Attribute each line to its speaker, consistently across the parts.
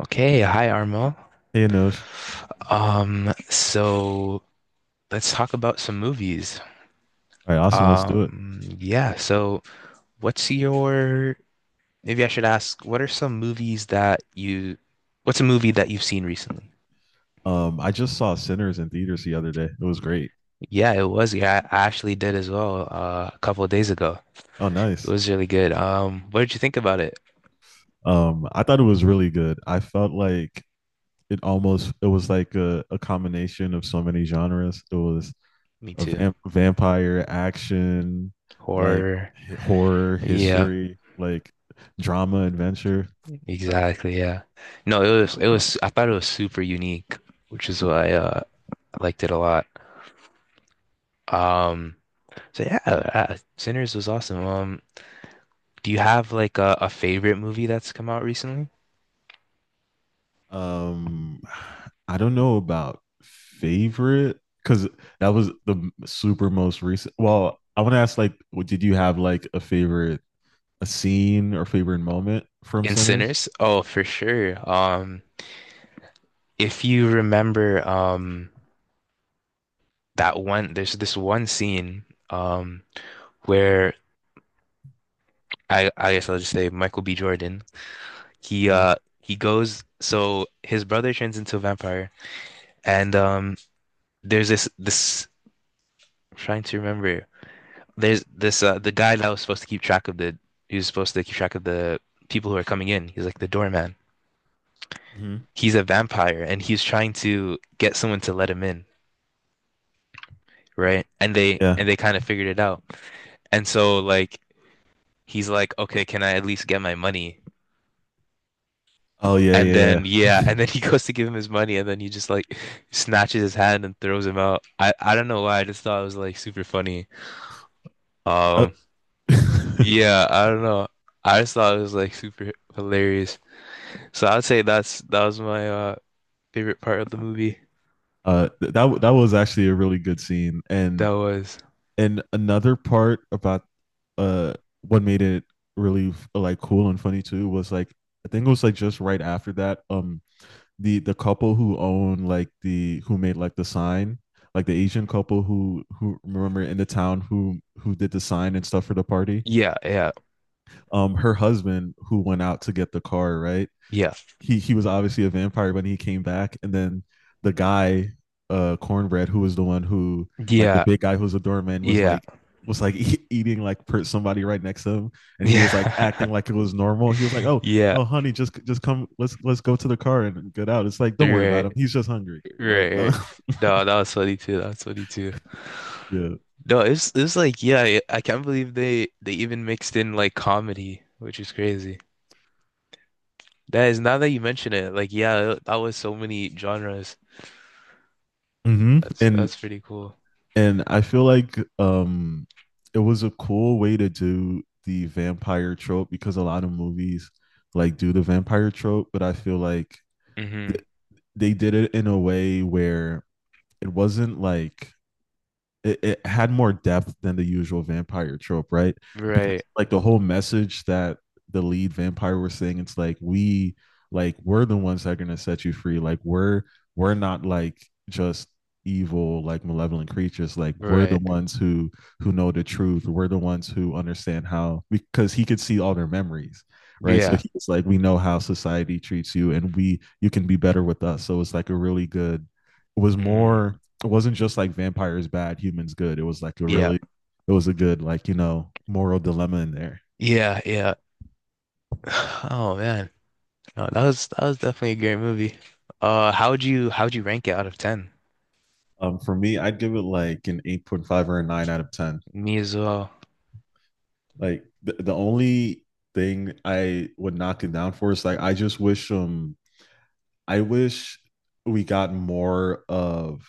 Speaker 1: Okay, hi Armo.
Speaker 2: Hey, Anosh.
Speaker 1: So let's talk about some movies.
Speaker 2: All right, awesome. Let's do it.
Speaker 1: Yeah, so what's your, maybe I should ask, what's a movie that you've seen recently?
Speaker 2: I just saw Sinners in theaters the other day. It was great.
Speaker 1: Yeah, it was. Yeah, I actually did as well, a couple of days ago.
Speaker 2: Oh,
Speaker 1: It
Speaker 2: nice.
Speaker 1: was really good. What did you think about it?
Speaker 2: I thought it was really good. I felt like it was like a combination of so many genres. It was
Speaker 1: Me
Speaker 2: a
Speaker 1: too.
Speaker 2: vampire action, like
Speaker 1: Horror.
Speaker 2: horror,
Speaker 1: Yeah,
Speaker 2: history, like drama, adventure.
Speaker 1: exactly. Yeah. No, it was, I thought it was super unique, which is why, I liked it a lot. Um, So yeah, Sinners was awesome. Do you have like a favorite movie that's come out recently?
Speaker 2: Um, I don't know about favorite because that was the super most recent. Well, I want to ask, like, did you have like a scene or favorite moment from
Speaker 1: In
Speaker 2: Sinners?
Speaker 1: Sinners? Oh, for sure. If you remember, there's this one scene, um, where I guess I'll just say Michael B. Jordan. He,
Speaker 2: Mm-hmm.
Speaker 1: uh, he goes, so his brother turns into a vampire, and there's this, I'm trying to remember. There's this the guy that was supposed to keep track of the he was supposed to keep track of the people who are coming in. He's like the doorman.
Speaker 2: Mm-hmm.
Speaker 1: He's a vampire and he's trying to get someone to let him in, right? And they
Speaker 2: Yeah.
Speaker 1: and they kind of figured it out. And so like he's like, "Okay, can I at least get my money?"
Speaker 2: Oh yeah,
Speaker 1: And
Speaker 2: yeah, yeah.
Speaker 1: then yeah, and then he goes to give him his money and then he just like snatches his hand and throws him out. I don't know why, I just thought it was like super funny.
Speaker 2: Uh,
Speaker 1: Um yeah, I don't know. I just thought it was like super hilarious. So I'd say that was my favorite part of the movie.
Speaker 2: that was actually a really good scene,
Speaker 1: That
Speaker 2: and
Speaker 1: was
Speaker 2: another part about uh what made it really like cool and funny too was like I think it was like just right after that, the couple who own, like, the who made like the sign, like the Asian couple who remember in the town who did the sign and stuff for the party.
Speaker 1: yeah, yeah,
Speaker 2: Her husband who went out to get the car, right?
Speaker 1: yeah,
Speaker 2: He was obviously a vampire when he came back, and then the guy, Cornbread, who was the one who, like, the
Speaker 1: yeah,
Speaker 2: big guy who was a doorman, was
Speaker 1: yeah,
Speaker 2: like, eating like somebody right next to him, and he was like
Speaker 1: yeah,
Speaker 2: acting like it was normal. He was like, "Oh
Speaker 1: yeah.
Speaker 2: no, honey, just come, let's go to the car and get out." It's like, don't worry about
Speaker 1: Right,
Speaker 2: him. He's just hungry.
Speaker 1: right,
Speaker 2: Like,
Speaker 1: right. No, that was funny too. That was funny too.
Speaker 2: yeah.
Speaker 1: No, it's yeah, I can't believe they even mixed in like comedy, which is crazy. That is now that you mention it, like yeah, that was so many genres.
Speaker 2: Mm-hmm. And
Speaker 1: That's pretty cool.
Speaker 2: and I feel like it was a cool way to do the vampire trope because a lot of movies like do the vampire trope, but I feel like
Speaker 1: hmm
Speaker 2: th- they did it in a way where it wasn't like it had more depth than the usual vampire trope, right? Because,
Speaker 1: Right,
Speaker 2: like, the whole message that the lead vampire was saying, it's like we, like, we're the ones that are gonna set you free. Like we're not like just evil, like malevolent creatures, like we're the
Speaker 1: right.
Speaker 2: ones who know the truth. We're the ones who understand how, because he could see all their memories, right? So
Speaker 1: Yeah.
Speaker 2: he's like, we know how society treats you and we, you can be better with us. So it's like a really good, it was
Speaker 1: Mm.
Speaker 2: more, it wasn't just like vampires bad, humans good. It was like a
Speaker 1: Yeah.
Speaker 2: really, it was a good, like, moral dilemma in there.
Speaker 1: Yeah. Yeah. Oh man, no, that was definitely a great movie. How would you rank it out of ten?
Speaker 2: For me, I'd give it like an 8.5 or a nine out of ten.
Speaker 1: Me as well.
Speaker 2: Like the only thing I would knock it down for is like I just wish, I wish we got more of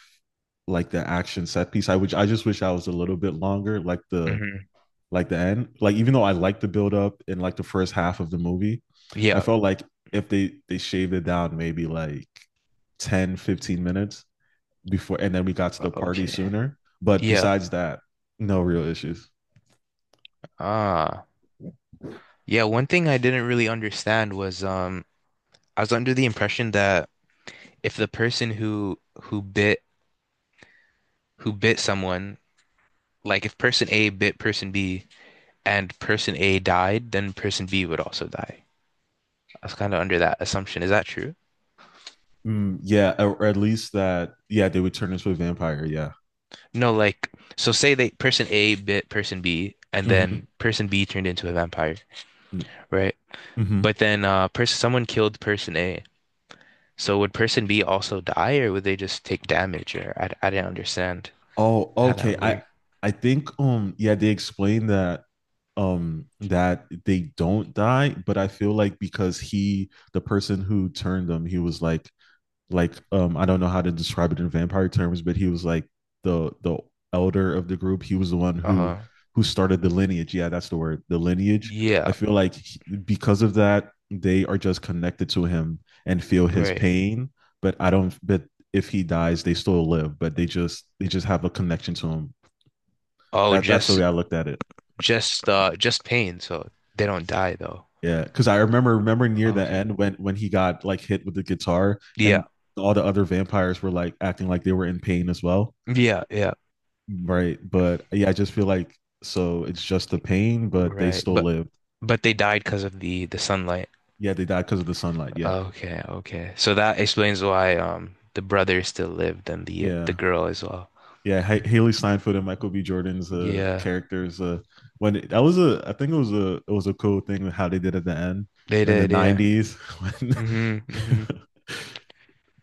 Speaker 2: like the action set piece. I just wish I was a little bit longer, like the
Speaker 1: hmm
Speaker 2: like the end. Like, even though I liked the build up in like the first half of the movie, I
Speaker 1: Yeah.
Speaker 2: felt like if they shaved it down maybe like 10, 15 minutes before and then we got to the party
Speaker 1: Okay.
Speaker 2: sooner. But
Speaker 1: Yeah.
Speaker 2: besides that, no real issues.
Speaker 1: Ah. Yeah. One thing I didn't really understand was I was under the impression that if the person who bit someone, like if person A bit person B and person A died, then person B would also die. I was kind of under that assumption. Is that true?
Speaker 2: Mm, yeah, or at least that, yeah, they would turn into a vampire, yeah.
Speaker 1: No, like so say they person A bit person B and then
Speaker 2: Mhm.
Speaker 1: person B turned into a vampire, right?
Speaker 2: Mhm.
Speaker 1: But then person someone killed person A. So would person B also die or would they just take damage or I didn't understand
Speaker 2: Oh,
Speaker 1: how that
Speaker 2: okay.
Speaker 1: would
Speaker 2: I
Speaker 1: work.
Speaker 2: I think, yeah, they explained that, that they don't die, but I feel like because he the person who turned them, he was like, I don't know how to describe it in vampire terms, but he was like the elder of the group. He was the one who
Speaker 1: Uh-huh.
Speaker 2: who started the lineage. Yeah, that's the word, the lineage. I
Speaker 1: Yeah,
Speaker 2: feel like because of that, they are just connected to him and feel his
Speaker 1: right.
Speaker 2: pain. But I don't. But if he dies, they still live. But they just have a connection to him.
Speaker 1: Oh,
Speaker 2: That's the way I looked at it.
Speaker 1: just pain, so they don't die though.
Speaker 2: Yeah, because I remember near the
Speaker 1: Okay.
Speaker 2: end when he got like hit with the guitar
Speaker 1: Yeah.
Speaker 2: and all the other vampires were like acting like they were in pain as well.
Speaker 1: Yeah, yeah.
Speaker 2: Right. But yeah, I just feel like, so it's just the pain, but they
Speaker 1: Right.
Speaker 2: still lived.
Speaker 1: But they died because of the sunlight.
Speaker 2: Yeah, they died because of the sunlight. Yeah.
Speaker 1: Okay, okay. So that explains why the brother still lived and the
Speaker 2: Yeah.
Speaker 1: girl as well.
Speaker 2: Yeah. Haley Steinfeld and Michael B. Jordan's,
Speaker 1: Yeah,
Speaker 2: characters. When it, that was a, I think, it was a cool thing with how they did at the end.
Speaker 1: they
Speaker 2: We're in the
Speaker 1: did, yeah.
Speaker 2: '90s.
Speaker 1: Hmm, hmm.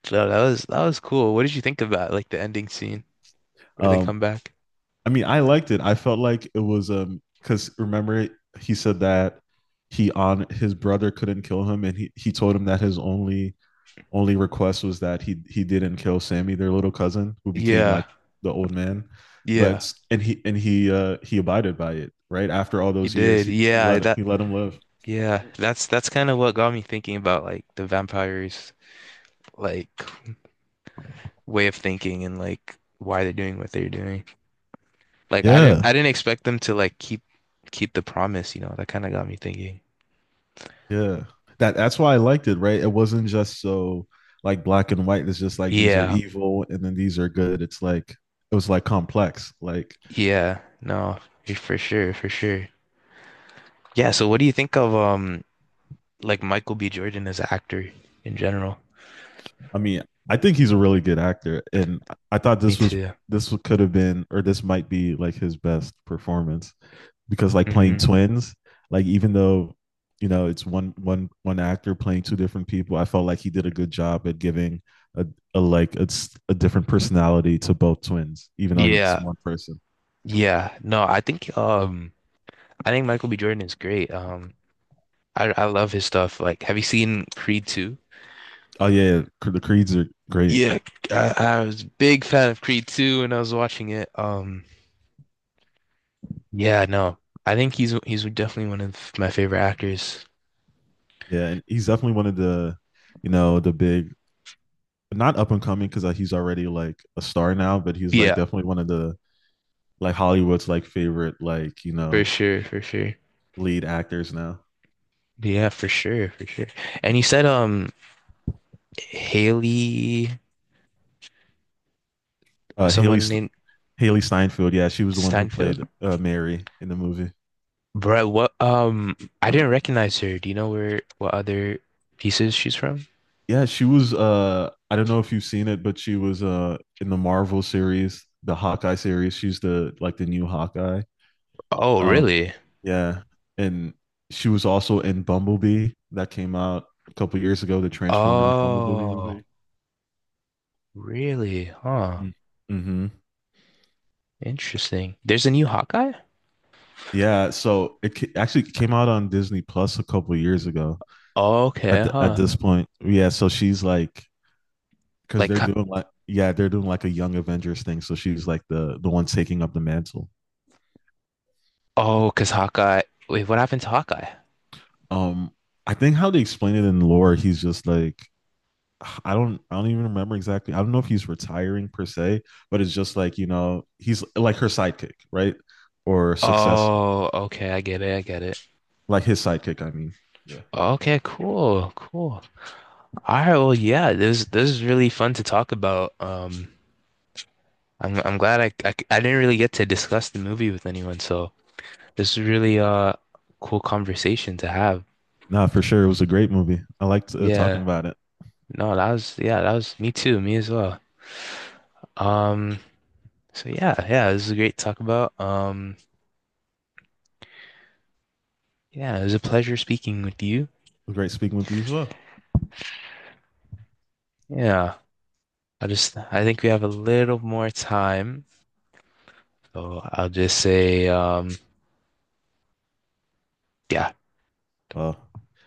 Speaker 1: So that was cool. What did you think about like the ending scene where they
Speaker 2: um,
Speaker 1: come back?
Speaker 2: I mean, I liked it. I felt like it was, because, remember, he said that he on his brother couldn't kill him, and he told him that his only request was that he didn't kill Sammy, their little cousin, who became
Speaker 1: Yeah,
Speaker 2: like the old man.
Speaker 1: yeah.
Speaker 2: But and he abided by it, right? After all
Speaker 1: You
Speaker 2: those years,
Speaker 1: did.
Speaker 2: he, he
Speaker 1: Yeah,
Speaker 2: let
Speaker 1: that
Speaker 2: he let him live.
Speaker 1: yeah, that's kind of what got me thinking about like the vampires, like way of thinking and like why they're doing what they're doing. Like
Speaker 2: Yeah.
Speaker 1: I didn't expect them to like keep the promise, you know. That kind of got me thinking.
Speaker 2: Yeah. That's why I liked it, right? It wasn't just so, like, black and white. It's just like, these are
Speaker 1: Yeah.
Speaker 2: evil and then these are good. It's like it was like complex. Like,
Speaker 1: Yeah, no, for sure, for sure. Yeah, so what do you think of like Michael B. Jordan as an actor in general?
Speaker 2: I mean, I think he's a really good actor and I thought
Speaker 1: Me too.
Speaker 2: this could have been, or this might be like his best performance, because like playing
Speaker 1: Hmm.
Speaker 2: twins, like even though, it's one actor playing two different people, I felt like he did a good job at giving a, a like a, a different personality to both twins, even though he's
Speaker 1: Yeah,
Speaker 2: one person.
Speaker 1: yeah. No, I think Michael B. Jordan is great. I love his stuff. Like, have you seen Creed 2?
Speaker 2: Oh yeah, the Creeds are great.
Speaker 1: Yeah, I was a big fan of Creed 2 when I was watching it. Yeah, no. I think he's definitely one of my favorite actors.
Speaker 2: Yeah, and he's definitely one of the you know the big, not up and coming because he's already like a star now, but he's like
Speaker 1: Yeah,
Speaker 2: definitely one of the, like, Hollywood's like favorite, like,
Speaker 1: for sure, for sure.
Speaker 2: lead actors now.
Speaker 1: Yeah, for sure, for sure. And you said Haley,
Speaker 2: Uh, Haley
Speaker 1: someone named
Speaker 2: Haley Steinfeld. Yeah, she was the one who
Speaker 1: Steinfeld.
Speaker 2: played, Mary in the movie.
Speaker 1: Bruh, what I didn't recognize her. Do you know where what other pieces she's from?
Speaker 2: Yeah, she was. I don't know if you've seen it, but she was, in the Marvel series, the Hawkeye series. She's the new Hawkeye.
Speaker 1: Oh,
Speaker 2: Um,
Speaker 1: really?
Speaker 2: yeah, and she was also in Bumblebee that came out a couple years ago, the Transformers Bumblebee
Speaker 1: Oh,
Speaker 2: movie.
Speaker 1: really? Huh.
Speaker 2: Mm. Mm-hmm.
Speaker 1: Interesting. There's a new Hawkeye?
Speaker 2: Yeah, so it actually came out on Disney Plus a couple years ago. At
Speaker 1: Okay,
Speaker 2: the, at
Speaker 1: huh.
Speaker 2: this point, yeah. So she's like, because
Speaker 1: Like
Speaker 2: they're doing like, yeah, they're doing like a Young Avengers thing, so she's like the one taking up the mantle.
Speaker 1: oh, 'cause Hawkeye. Wait, what happened to Hawkeye?
Speaker 2: um I think how they explain it in lore, he's just like, I don't, even remember exactly. I don't know if he's retiring per se, but it's just like, he's like her sidekick, right? Or successor,
Speaker 1: Oh, okay, I get it, I get it.
Speaker 2: like his sidekick, I mean. Yeah,
Speaker 1: Okay, cool, cool. All right, well, yeah, this is really fun to talk about. I'm glad I didn't really get to discuss the movie with anyone, so this is really cool conversation to have.
Speaker 2: nah, for sure, it was a great movie. I liked,
Speaker 1: Yeah.
Speaker 2: talking about it. It
Speaker 1: No, that was yeah, that was me too, me as well. Um, so yeah, yeah, this is great to talk about. Yeah, it was a pleasure speaking with you.
Speaker 2: was great speaking with you as well.
Speaker 1: Yeah. I think we have a little more time, so I'll just say yeah,
Speaker 2: Well,